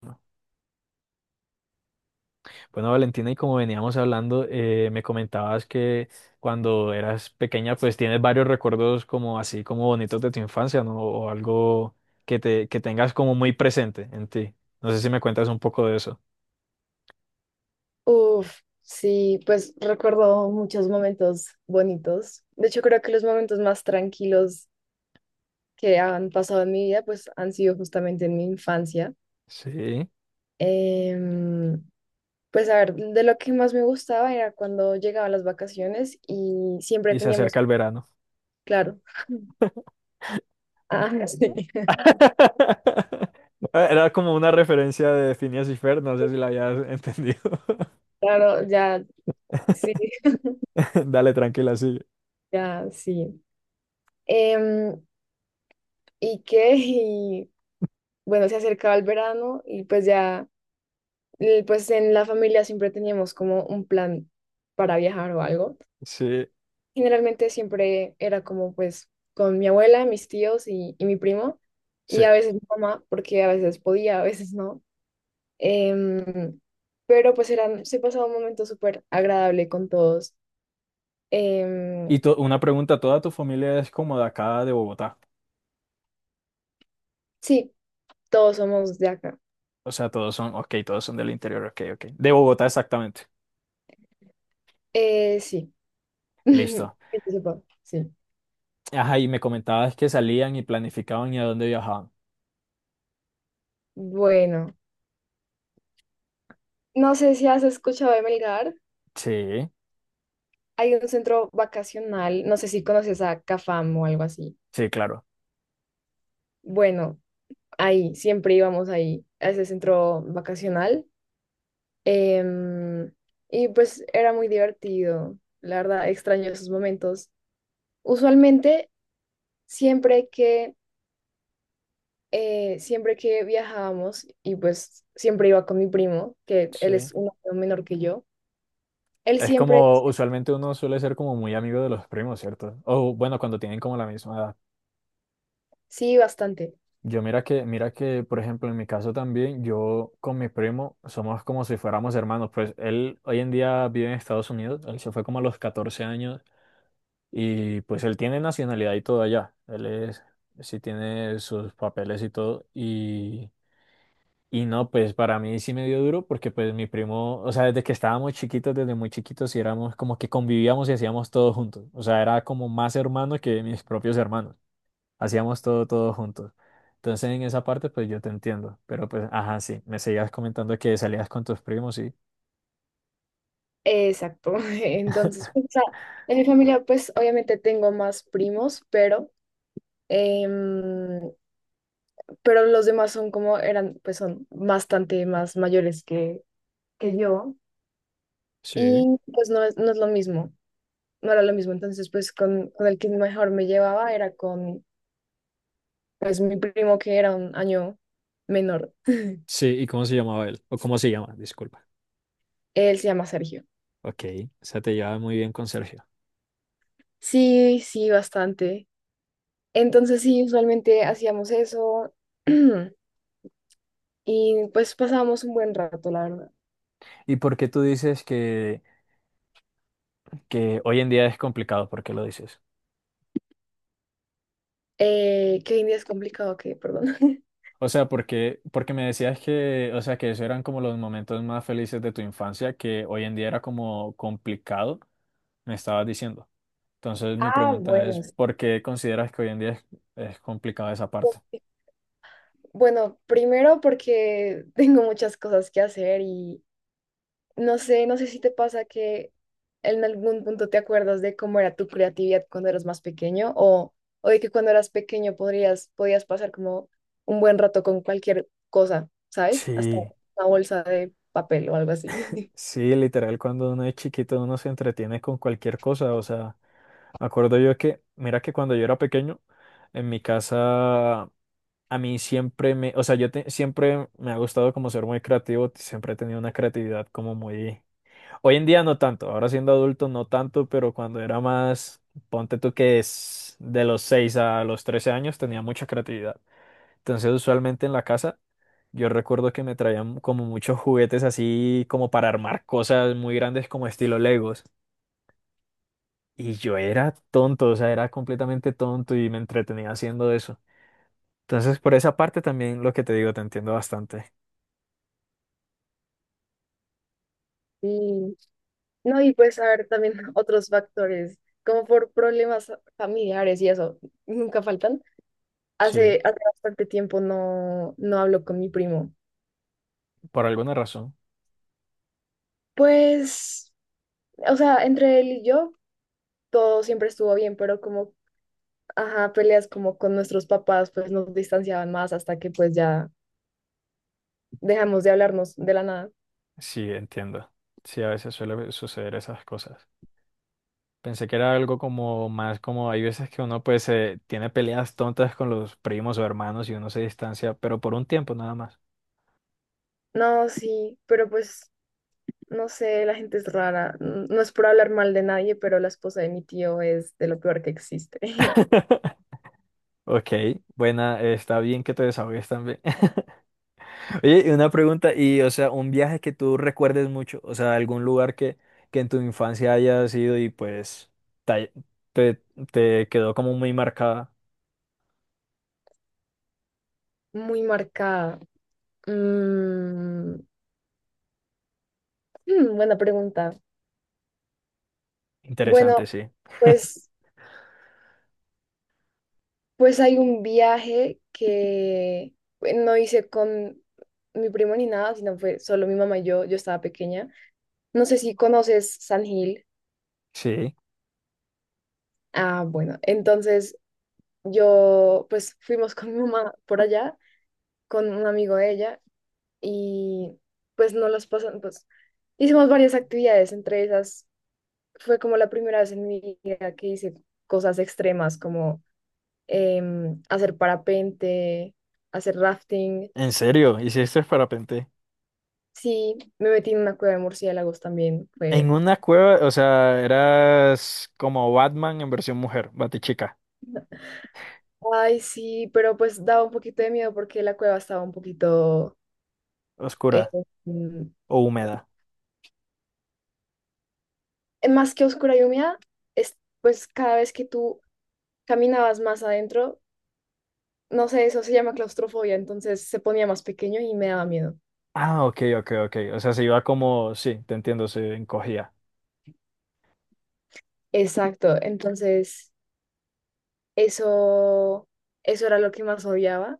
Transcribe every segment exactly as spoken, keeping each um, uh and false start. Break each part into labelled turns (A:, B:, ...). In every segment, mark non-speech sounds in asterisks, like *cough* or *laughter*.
A: Bueno, Valentina, y como veníamos hablando, eh, me comentabas que cuando eras pequeña, pues tienes varios recuerdos como así, como bonitos de tu infancia, ¿no? O algo que te, que tengas como muy presente en ti. No sé si me cuentas un poco de eso.
B: Uf, sí, pues recuerdo muchos momentos bonitos. De hecho, creo que los momentos más tranquilos que han pasado en mi vida, pues han sido justamente en mi infancia.
A: Sí,
B: Em, pues a ver, de lo que más me gustaba era cuando llegaban las vacaciones y siempre
A: y se
B: teníamos,
A: acerca el verano.
B: claro, ah, *laughs* sí,
A: *laughs* Era como una referencia de Phineas y Fer, no sé si la habías entendido.
B: claro, ya, sí.
A: *laughs*
B: *laughs*
A: Dale, tranquila, sigue.
B: Ya, sí. Em, y qué y, bueno, se acercaba el verano y pues ya eh, pues en la familia siempre teníamos como un plan para viajar o algo.
A: Sí,
B: Generalmente siempre era como pues con mi abuela, mis tíos y, y mi primo, y
A: sí.
B: a veces mi mamá, porque a veces podía, a veces no. Em, pero pues eran, se pasaba un momento súper agradable con todos.
A: Y
B: Em,
A: to- una pregunta, ¿toda tu familia es como de acá de Bogotá?
B: sí, todos somos de acá.
A: O sea, todos son, ok, todos son del interior, ok, ok. De Bogotá, exactamente.
B: Eh, sí, *laughs*
A: Listo.
B: que yo sepa, sí.
A: Ajá, y me comentabas que salían y planificaban y a dónde viajaban.
B: Bueno, no sé si has escuchado de Melgar.
A: Sí,
B: Hay un centro vacacional, no sé si conoces a Cafam o algo así.
A: sí, claro.
B: Bueno, ahí, siempre íbamos ahí, a ese centro vacacional. Em, y pues era muy divertido, la verdad, extraño esos momentos. Usualmente, siempre que, eh, siempre que viajábamos, y pues siempre iba con mi primo, que él
A: Sí.
B: es un año menor que yo, él
A: Es
B: siempre,
A: como, usualmente uno suele ser como muy amigo de los primos, ¿cierto? O bueno, cuando tienen como la misma edad.
B: sí, bastante.
A: Yo mira que, mira que, por ejemplo, en mi caso también, yo con mi primo somos como si fuéramos hermanos. Pues él hoy en día vive en Estados Unidos, él se fue como a los catorce años. Y pues él tiene nacionalidad y todo allá. Él es, sí tiene sus papeles y todo. Y, y no, pues para mí sí me dio duro porque pues mi primo, o sea, desde que estábamos chiquitos, desde muy chiquitos, sí éramos como que convivíamos y hacíamos todo juntos. O sea, era como más hermano que mis propios hermanos. Hacíamos todo, todo juntos. Entonces en esa parte pues yo te entiendo. Pero pues, ajá, sí, me seguías comentando que salías con tus primos, sí.
B: Exacto. *laughs* Entonces, o sea, en mi familia, pues obviamente tengo más primos, pero, em, pero los demás son como eran, pues son bastante más mayores que, que yo.
A: Sí.
B: Y pues no es, no es lo mismo, no era lo mismo. Entonces, pues con, con el que mejor me llevaba era con, pues mi primo que era un año menor.
A: Sí, ¿y cómo se llamaba él? ¿O cómo se llama? Disculpa.
B: Él se llama Sergio.
A: Ok, o sea, te llevaba muy bien con Sergio.
B: Sí, sí, bastante. Entonces, sí, usualmente hacíamos eso. *clears throat* Y pues pasábamos un buen rato, la verdad.
A: ¿Y por qué tú dices que, que hoy en día es complicado? ¿Por qué lo dices?
B: Eh, que hoy en día es complicado, que, perdón. *laughs*
A: O sea, porque, porque me decías que, o sea, que esos eran como los momentos más felices de tu infancia, que hoy en día era como complicado, me estabas diciendo. Entonces, mi
B: Ah,
A: pregunta es,
B: bueno, sí.
A: ¿por qué consideras que hoy en día es, es complicada esa parte?
B: Bueno, primero porque *laughs* tengo muchas cosas que hacer y no sé, no sé si te pasa que en algún punto te acuerdas de cómo era tu creatividad cuando eras más pequeño o, o de que cuando eras pequeño podrías, podías pasar como un buen rato con cualquier cosa, ¿sabes? Hasta
A: Sí,
B: una bolsa de papel o algo así.
A: sí, literal, cuando uno es chiquito uno se entretiene con cualquier cosa, o sea, me acuerdo yo que, mira que cuando yo era pequeño, en mi casa a mí siempre me, o sea, yo te- siempre me ha gustado como ser muy creativo, siempre he tenido una creatividad como muy... Hoy en día no tanto, ahora siendo adulto no tanto, pero cuando era más, ponte tú que es de los seis a los trece años, tenía mucha creatividad. Entonces usualmente en la casa yo recuerdo que me traían como muchos juguetes así como para armar cosas muy grandes como estilo Legos. Y yo era tonto, o sea, era completamente tonto y me entretenía haciendo eso. Entonces por esa parte también lo que te digo te entiendo bastante.
B: *laughs* Sí. No, y puedes saber también *laughs* otros factores, como por problemas familiares y eso, nunca faltan.
A: Sí,
B: Hace, hace bastante tiempo no, no hablo con mi primo.
A: por alguna razón.
B: Pues, o sea, entre él y yo todo siempre estuvo bien, pero como, ajá, peleas como con nuestros papás, pues nos distanciaban más hasta que pues ya dejamos de hablarnos de la nada.
A: Sí, entiendo. Sí, a veces suele suceder esas cosas. Pensé que era algo como más como hay veces que uno pues eh, tiene peleas tontas con los primos o hermanos y uno se distancia, pero por un tiempo nada más.
B: No, sí, pero pues, no sé, la gente es rara. N- No es por hablar mal de nadie, pero la esposa de mi tío es de lo peor que existe. *laughs*
A: Ok, buena, eh, está bien que te desahogues también. *laughs* Oye, y una pregunta, y o sea, un viaje que tú recuerdes mucho, o sea, algún lugar que, que en tu infancia hayas ido y pues te, te te quedó como muy marcada.
B: Muy marcada. Mm, *laughs* hmm, buena pregunta. Bueno,
A: Interesante, sí.
B: pues, pues hay un viaje que pues, no hice con mi primo ni nada, sino fue solo mi mamá y yo. Yo estaba pequeña. No sé si conoces San Gil.
A: Sí.
B: Ah, bueno, entonces yo pues fuimos con mi mamá por allá, con un amigo de ella, y pues no los pasan, pues hicimos varias actividades, entre esas fue como la primera vez en mi vida que hice cosas extremas como em, hacer parapente, hacer rafting.
A: ¿En serio? ¿Hiciste parapente?
B: Sí, me metí en una cueva de murciélagos también.
A: En
B: Fue,
A: una cueva, o sea, eras como Batman en versión mujer, Batichica,
B: ay, sí, pero pues daba un poquito de miedo porque la cueva estaba un poquito,
A: oscura
B: em,
A: o húmeda.
B: más que oscura y húmeda, es, pues cada vez que tú caminabas más adentro, no sé, eso se llama claustrofobia, entonces se ponía más pequeño y me daba miedo.
A: Ah, ok, ok, ok. O sea, se iba como, sí, te entiendo, se encogía.
B: Exacto, entonces... Eso, eso era lo que más odiaba,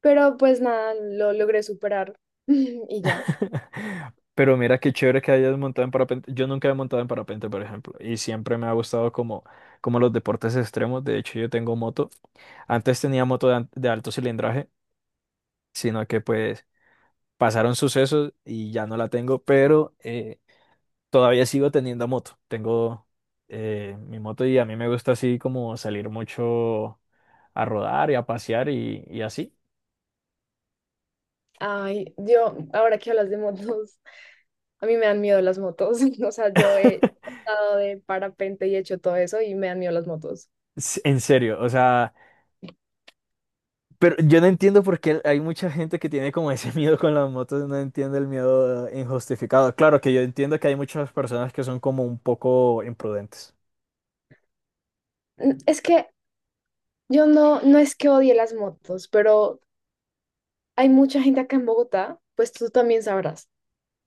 B: pero pues nada, lo logré superar *laughs* y ya.
A: *laughs* Pero mira qué chévere que hayas montado en parapente. Yo nunca he montado en parapente, por ejemplo, y siempre me ha gustado como, como los deportes extremos. De hecho, yo tengo moto. Antes tenía moto de, an- de alto cilindraje, sino que pues pasaron sucesos y ya no la tengo, pero eh, todavía sigo teniendo moto. Tengo eh, mi moto y a mí me gusta así como salir mucho a rodar y a pasear y, y así.
B: Ay, yo, ahora que hablas de motos, a mí me dan miedo las motos, *laughs* o sea, yo he
A: *laughs*
B: estado de parapente y he hecho todo eso y me dan miedo las motos.
A: S- En serio, o sea, pero yo no entiendo por qué hay mucha gente que tiene como ese *laughs* miedo con las motos, no entiendo el miedo eh, injustificado. Claro que yo entiendo que hay muchas personas que son como un poco imprudentes.
B: Mm, es que yo no, no es que odie las motos, pero hay mucha gente acá en Bogotá, pues tú también sabrás.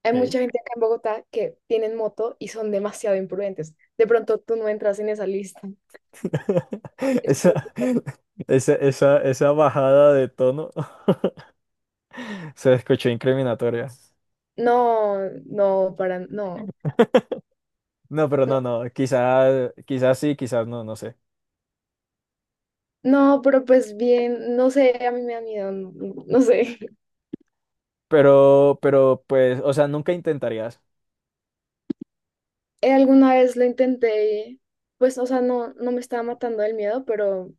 B: Hay
A: Ok.
B: mucha gente acá en Bogotá que tienen moto y son demasiado imprudentes. De pronto tú no entras en esa lista.
A: *laughs* Esa,
B: Espero.
A: esa, esa, esa bajada de tono *laughs* se escuchó incriminatoria.
B: No, no, para, no,
A: No, pero no,
B: no,
A: no, quizás, quizás sí, quizás no, no sé.
B: no, pero pues bien, no sé, a mí me da miedo, no, no sé. *laughs*
A: Pero, pero pues, o sea, nunca intentarías,
B: Eh, alguna vez lo intenté, y, pues, o sea, no, no me estaba matando el miedo, pero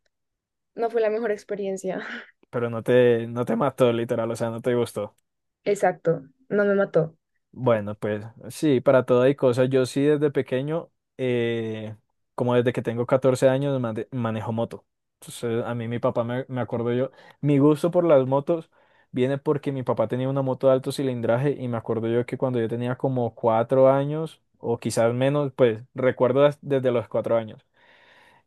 B: no fue la mejor experiencia. *laughs*
A: pero no te, no te mató, literal, o sea, no te gustó.
B: Exacto, no me mató.
A: Bueno, pues sí, para todo hay cosas. Yo sí desde pequeño, eh, como desde que tengo catorce años, mane- manejo moto. Entonces, a mí mi papá, me, me acuerdo yo, mi gusto por las motos viene porque mi papá tenía una moto de alto cilindraje y me acuerdo yo que cuando yo tenía como cuatro años o quizás menos, pues recuerdo des- desde los cuatro años.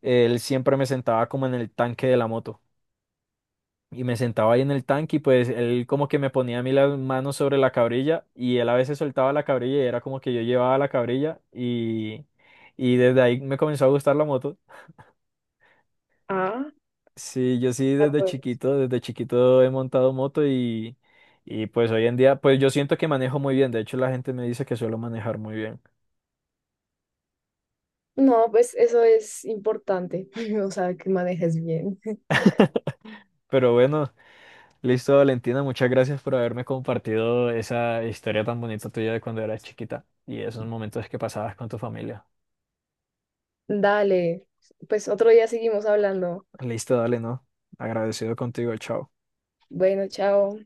A: Él siempre me sentaba como en el tanque de la moto. Y me sentaba ahí en el tanque y pues él como que me ponía a mí las manos sobre la cabrilla y él a veces soltaba la cabrilla y era como que yo llevaba la cabrilla y, y desde ahí me comenzó a gustar la moto.
B: Ah,
A: Sí, yo sí
B: ah,
A: desde
B: pues.
A: chiquito, desde chiquito he montado moto y, y pues hoy en día pues yo siento que manejo muy bien. De hecho la gente me dice que suelo manejar muy bien.
B: No, pues eso es importante, *laughs* o sea, que manejes bien. *laughs*
A: Pero bueno. Listo, Valentina, muchas gracias por haberme compartido esa historia tan bonita tuya de cuando eras chiquita y esos momentos que pasabas con tu familia.
B: Dale, pues otro día seguimos hablando.
A: Listo, dale, ¿no? Agradecido contigo, chao.
B: Bueno, chao.